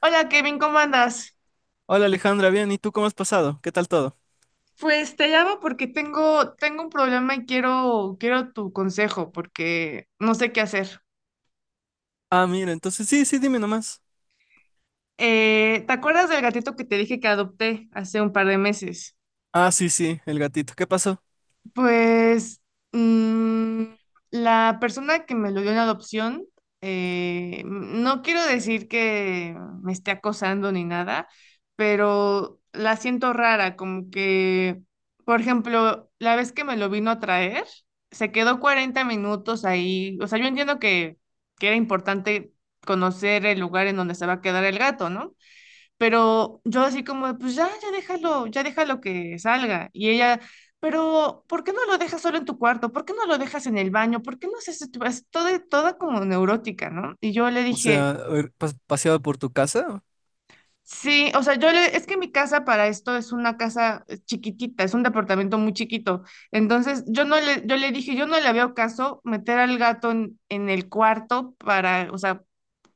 Hola Kevin, ¿cómo andas? Hola Alejandra, bien, ¿y tú cómo has pasado? ¿Qué tal todo? Pues te llamo porque tengo un problema y quiero tu consejo porque no sé qué hacer. Ah, mira, entonces sí, sí, dime nomás. ¿Te acuerdas del gatito que te dije que adopté hace un par de meses? Ah, sí, sí, el gatito, ¿qué pasó? Pues mm, la persona que me lo dio en adopción, no quiero decir que me esté acosando ni nada, pero la siento rara, como que, por ejemplo, la vez que me lo vino a traer, se quedó 40 minutos ahí. O sea, yo entiendo que era importante conocer el lugar en donde se va a quedar el gato, ¿no? Pero yo así como, de, pues ya déjalo, ya déjalo que salga. Y ella, pero ¿por qué no lo dejas solo en tu cuarto? ¿Por qué no lo dejas en el baño? ¿Por qué no haces esto? Es toda como neurótica, ¿no? Y yo le O dije, sea, a ver, paseado por tu casa. sí, o sea, yo le, es que mi casa para esto es una casa chiquitita, es un departamento muy chiquito. Entonces yo no le veo caso meter al gato en, el cuarto para, o sea,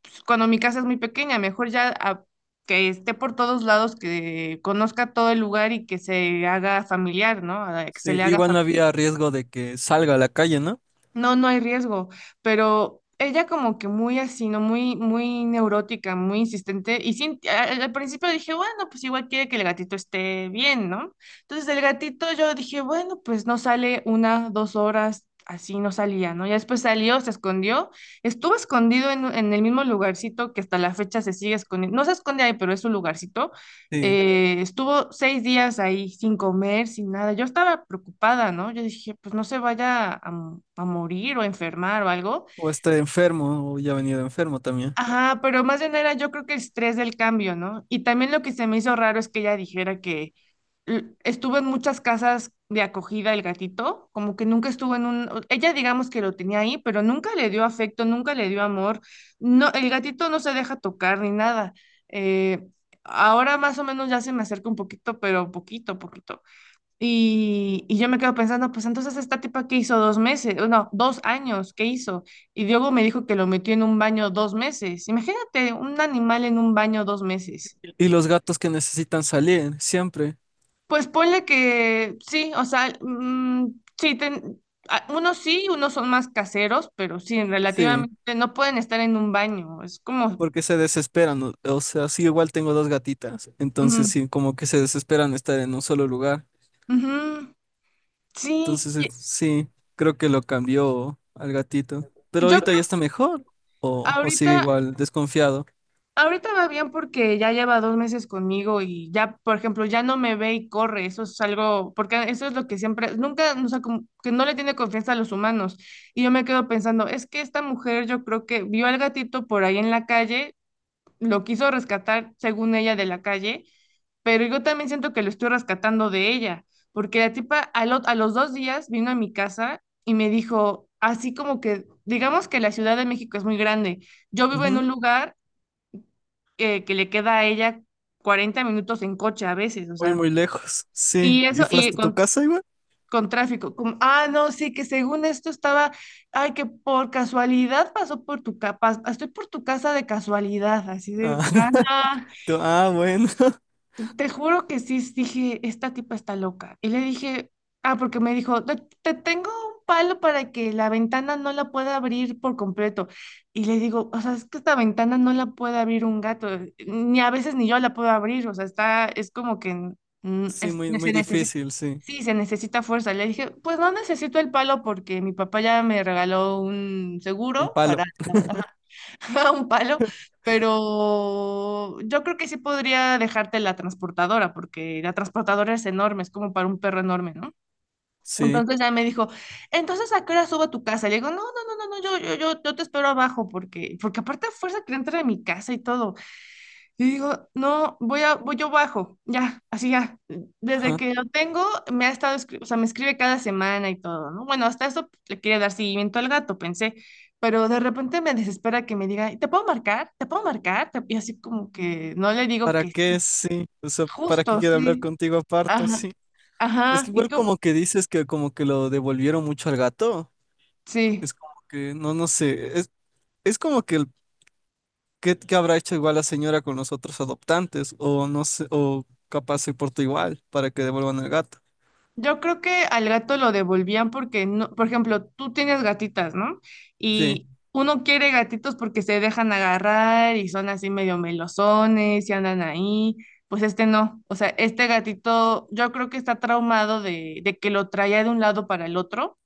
pues, cuando mi casa es muy pequeña, mejor ya que esté por todos lados, que conozca todo el lugar y que se haga familiar, ¿no? Que se Sí, le haga igual no familiar. había riesgo de que salga a la calle, ¿no? No, no hay riesgo, pero ella como que muy así, ¿no? Muy, muy neurótica, muy insistente. Y sí, al principio dije, bueno, pues igual quiere que el gatito esté bien, ¿no? Entonces el gatito yo dije, bueno, pues no sale una, 2 horas, así no salía, ¿no? Ya después salió, se escondió, estuvo escondido en el mismo lugarcito que hasta la fecha se sigue escondiendo. No se esconde ahí, pero es un lugarcito. Sí. Estuvo 6 días ahí sin comer, sin nada. Yo estaba preocupada, ¿no? Yo dije, pues no se vaya a morir o a enfermar o algo. O esté enfermo, o ya ha venido enfermo también. Ajá, pero más bien era, yo creo que el estrés del cambio, ¿no? Y también lo que se me hizo raro es que ella dijera que estuvo en muchas casas de acogida el gatito, como que nunca estuvo en un, ella digamos que lo tenía ahí, pero nunca le dio afecto, nunca le dio amor. No, el gatito no se deja tocar ni nada. Eh, Ahora más o menos ya se me acerca un poquito, pero poquito, poquito. Y yo me quedo pensando, pues entonces esta tipa que hizo 2 meses, o no, 2 años, ¿qué hizo? Y Diogo me dijo que lo metió en un baño 2 meses. Imagínate un animal en un baño 2 meses. Y los gatos que necesitan salir, siempre. Pues ponle que sí, o sea, sí, unos sí, unos son más caseros, pero sí, Sí, relativamente no pueden estar en un baño, es como, porque se desesperan. O sea, sí, igual tengo dos gatitas, ujú, entonces sí, como que se desesperan de estar en un solo lugar. ujú, sí, Entonces, sí, creo que lo cambió al gatito. Pero yo ahorita creo ya está que mejor. O sigue ahorita, igual, desconfiado. ahorita va bien porque ya lleva 2 meses conmigo y ya, por ejemplo, ya no me ve y corre, eso es algo, porque eso es lo que siempre, nunca, o sea, como que no le tiene confianza a los humanos. Y yo me quedo pensando, es que esta mujer, yo creo que vio al gatito por ahí en la calle, lo quiso rescatar, según ella, de la calle, pero yo también siento que lo estoy rescatando de ella, porque la tipa a los 2 días vino a mi casa y me dijo, así como que, digamos que la Ciudad de México es muy grande, yo vivo en Ujú. un lugar que le queda a ella 40 minutos en coche a veces, o Muy, sea, muy lejos. Sí. y ¿Y eso, fue y hasta tu con... casa igual? con tráfico, como, ah, no, sí, que según esto estaba, ay, que por casualidad pasó por tu casa, estoy por tu casa de casualidad, así de, Ah, ajá. Ah, bueno. Te juro que sí dije, esta tipa está loca. Y le dije, ah, porque me dijo, te tengo un palo para que la ventana no la pueda abrir por completo. Y le digo, o sea, es que esta ventana no la puede abrir un gato, ni a veces ni yo la puedo abrir, o sea, está, es como que Sí, muy, muy se necesita, difícil, sí. sí, se necesita fuerza. Le dije, pues no necesito el palo porque mi papá ya me regaló un Un seguro para. palo. Ajá, un palo. Pero yo creo que sí podría dejarte la transportadora, porque la transportadora es enorme, es como para un perro enorme, ¿no? Sí. Entonces ya me dijo, entonces ¿a qué hora subo a tu casa? Le digo, no, no, no, no, no, yo te espero abajo, porque aparte a fuerza que entrar a mi casa y todo. Y digo, no, voy yo bajo, ya, así ya. Desde Ajá. que lo tengo, me ha estado, o sea, me escribe cada semana y todo, ¿no? Bueno, hasta eso, le quería dar seguimiento al gato, pensé, pero de repente me desespera que me diga, ¿te puedo marcar? ¿Te puedo marcar? Y así como que no le digo ¿Para que sí, qué? Sí. O sea, ¿para qué justo, quiero hablar sí, contigo aparte? ajá, Sí. Es ajá, que y igual como, como que dices que como que lo devolvieron mucho al gato. sí. Es como que, no, no sé. Es como que ¿qué, qué habrá hecho igual la señora con los otros adoptantes? O no sé, o capaz se portó igual para que devuelvan al gato. Yo creo que al gato lo devolvían porque no, por ejemplo, tú tienes gatitas, ¿no? Sí, Y uno quiere gatitos porque se dejan agarrar y son así medio melosones y andan ahí. Pues este no. O sea, este gatito yo creo que está traumado de que lo traía de un lado para el otro.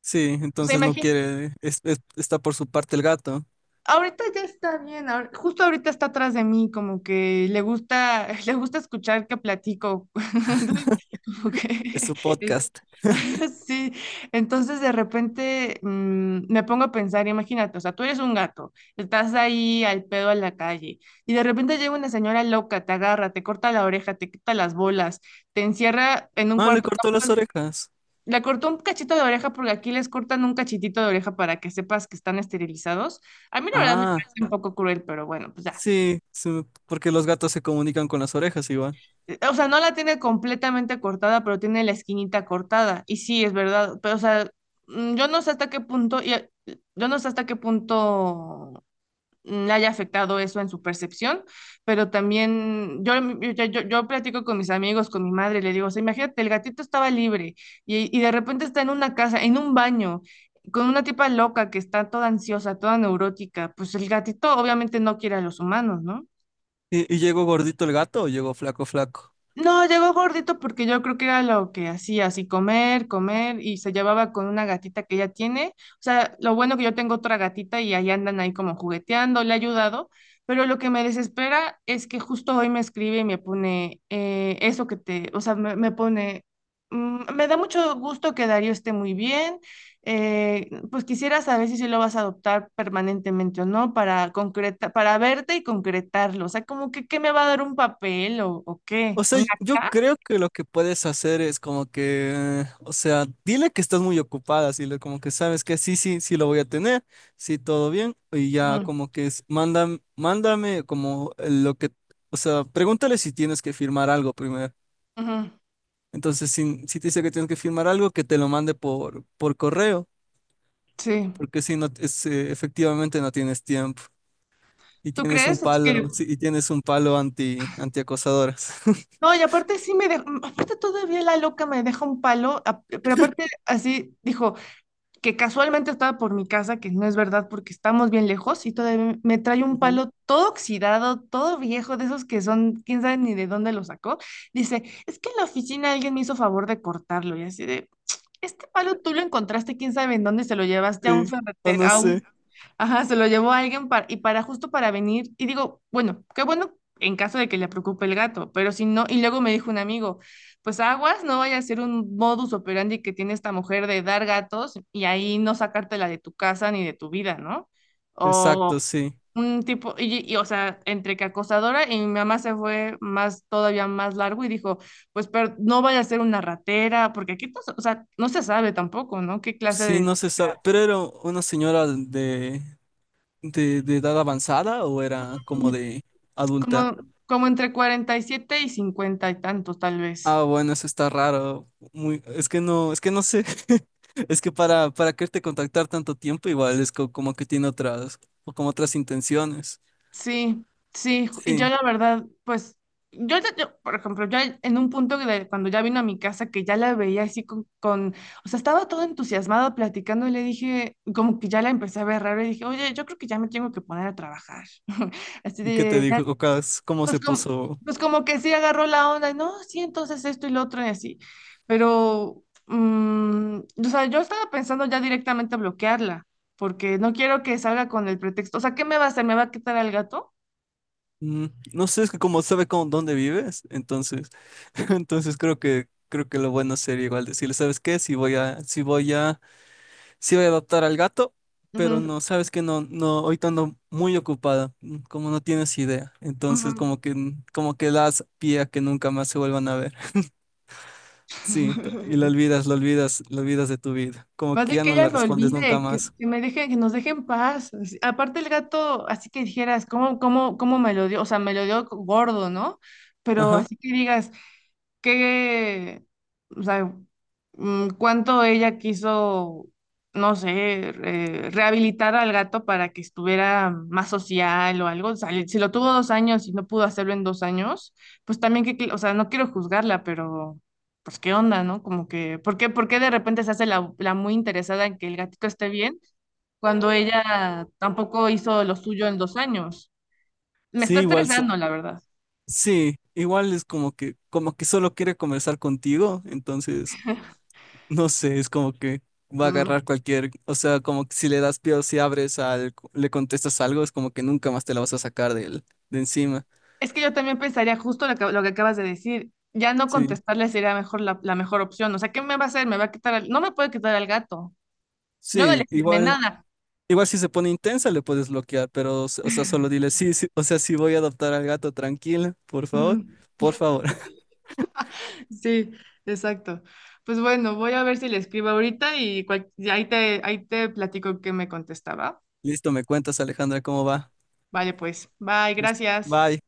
sí, O sea, entonces no imagínate. quiere, está por su parte el gato, Ahorita ya está bien, justo ahorita está atrás de mí, como que le gusta, le gusta escuchar que platico. Entonces, como es que su es- podcast. sí, entonces de repente me pongo a pensar, imagínate, o sea, tú eres un gato, estás ahí al pedo en la calle y de repente llega una señora loca, te agarra, te corta la oreja, te quita las bolas, te encierra en un Ah, le cuarto. cortó las orejas. Le cortó un cachito de oreja porque aquí les cortan un cachitito de oreja para que sepas que están esterilizados. A mí la verdad me Ah, parece un poco cruel, pero bueno, pues ya. sí, sí, porque los gatos se comunican con las orejas igual. O sea, no la tiene completamente cortada, pero tiene la esquinita cortada. Y sí, es verdad. Pero, o sea, mm, yo no sé hasta qué punto, y, eh, yo no sé hasta qué punto le haya afectado eso en su percepción, pero también yo, mm, yo platico con mis amigos, con mi madre, y le digo, o sea, imagínate, el gatito estaba libre y de repente está en una casa, en un baño, con una tipa loca que está toda ansiosa, toda neurótica, pues el gatito obviamente no quiere a los humanos, ¿no? Y llegó gordito el gato o llegó flaco, flaco? No, llegó gordito porque yo creo que era lo que hacía, así comer, comer, y se llevaba con una gatita que ella tiene. O sea, lo bueno que yo tengo otra gatita y ahí andan ahí como jugueteando, le he ayudado, pero lo que me desespera es que justo hoy me escribe y me pone eso que te, o sea, me pone, me da mucho gusto que Darío esté muy bien, pues quisiera saber si sí lo vas a adoptar permanentemente o no para concreta, para verte y concretarlo. O sea, como que, ¿qué me va a dar un papel o qué? O sea, yo ¿Ah? creo que lo que puedes hacer es como que, o sea, dile que estás muy ocupada, como que sabes que sí, sí, sí lo voy a tener, sí, todo bien, y ya Ujú, como que es, mándame, mándame como lo que, o sea, pregúntale si tienes que firmar algo primero. ujú. Entonces, si, si te dice que tienes que firmar algo, que te lo mande por correo, Sí, porque si no, es, efectivamente no tienes tiempo y ¿tú tienes un crees? Así que, palo, sí, y tienes un palo anti, antiacosadoras. no, y aparte sí me dejó, aparte todavía la loca me deja un palo, pero aparte así dijo que casualmente estaba por mi casa, que no es verdad porque estamos bien lejos, y todavía me trae un Ujú. palo todo oxidado, todo viejo, de esos que son, quién sabe ni de dónde lo sacó. Dice, es que en la oficina alguien me hizo favor de cortarlo, y así de, este palo tú lo encontraste, quién sabe en dónde, se lo llevaste a un Sí, o ferretero, no a sé. un. Ajá, se lo llevó a alguien para justo para venir. Y digo, bueno, qué bueno en caso de que le preocupe el gato, pero si no, y luego me dijo un amigo, pues aguas, no vaya a ser un modus operandi que tiene esta mujer de dar gatos y ahí no sacártela de tu casa ni de tu vida, ¿no? O Exacto, sí. un tipo, o sea, entre que acosadora y mi mamá se fue más, todavía más largo y dijo, pues pero no vaya a ser una ratera, porque aquí, pues, o sea, no se sabe tampoco, ¿no? ¿Qué clase Sí, de... no se sabe. ¿Pero era una señora de edad avanzada o era como de adulta? Como, como entre 40 y 50 y 50 y tantos, tal Ah, vez. bueno, eso está raro. Muy, es que no sé. Es que para quererte contactar tanto tiempo, igual es como que tiene otras, o como otras intenciones. Sí, sí, y yo Sí. la verdad, pues, yo, yo, por ejemplo, yo en un punto de, cuando ya vino a mi casa, que ya la veía así con, o sea, estaba todo entusiasmado platicando y le dije, como que ya la empecé a ver raro y dije, oye, yo creo que ya me tengo que poner a trabajar. Así ¿Y qué te de, dijo? ¿Cómo Pues se como, puso? pues como que sí agarró la onda, y no, sí, entonces esto y lo otro y así. Pero, o sea, yo estaba pensando ya directamente bloquearla, porque no quiero que salga con el pretexto. O sea, ¿qué me va a hacer? ¿Me va a quitar al gato? Mm, no sé, es que como sabe con dónde vives, entonces, entonces creo que lo bueno sería igual decirle, ¿sabes qué? Si voy a, si voy a sí voy a adoptar al gato, pero no, sabes que no, no, ahorita ando muy ocupada, como no tienes idea. Ujú, ujú. Entonces, como que das pie a que nunca más se vuelvan a ver. Sí, y lo olvidas, lo olvidas, lo olvidas de tu vida. Como Más que de ya que no ella le me respondes nunca olvide, que, más. que me deje, que nos deje en paz. Aparte el gato, así que dijeras, ¿cómo me lo dio? O sea, me lo dio gordo, ¿no? Pero Ajá. así que digas, que, o sea, cuánto ella quiso, no sé, rehabilitar al gato para que estuviera más social o algo. O sea, si lo tuvo 2 años y no pudo hacerlo en 2 años, pues también que, o sea, no quiero juzgarla, pero pues qué onda, ¿no? Como que, ¿por qué de repente se hace la muy interesada en que el gatito esté bien cuando ella tampoco hizo lo suyo en 2 años? Me está Sí, igual, estresando, la verdad. sí, igual es como que solo quiere conversar contigo, entonces, no sé, es como que va a Mm. agarrar cualquier, o sea, como que si le das pie o si abres al, le contestas algo, es como que nunca más te la vas a sacar de él, de encima. Es que yo también pensaría justo lo que acabas de decir. Ya no Sí, contestarle sería mejor la mejor opción. O sea, ¿qué me va a hacer? Me va a quitar no me puede quitar al gato. Yo no le sí, firmé igual, nada. igual si se pone intensa le puedes bloquear, pero, o sea, solo dile, sí, sí, o sea, sí voy a adoptar al gato, tranquila, por favor, Ujú. por favor. Sí, exacto. Pues bueno, voy a ver si le escribo ahorita y ahí te platico qué me contestaba. Listo, me cuentas, Alejandra, cómo va. Vale, pues. Bye, Listo, gracias. bye.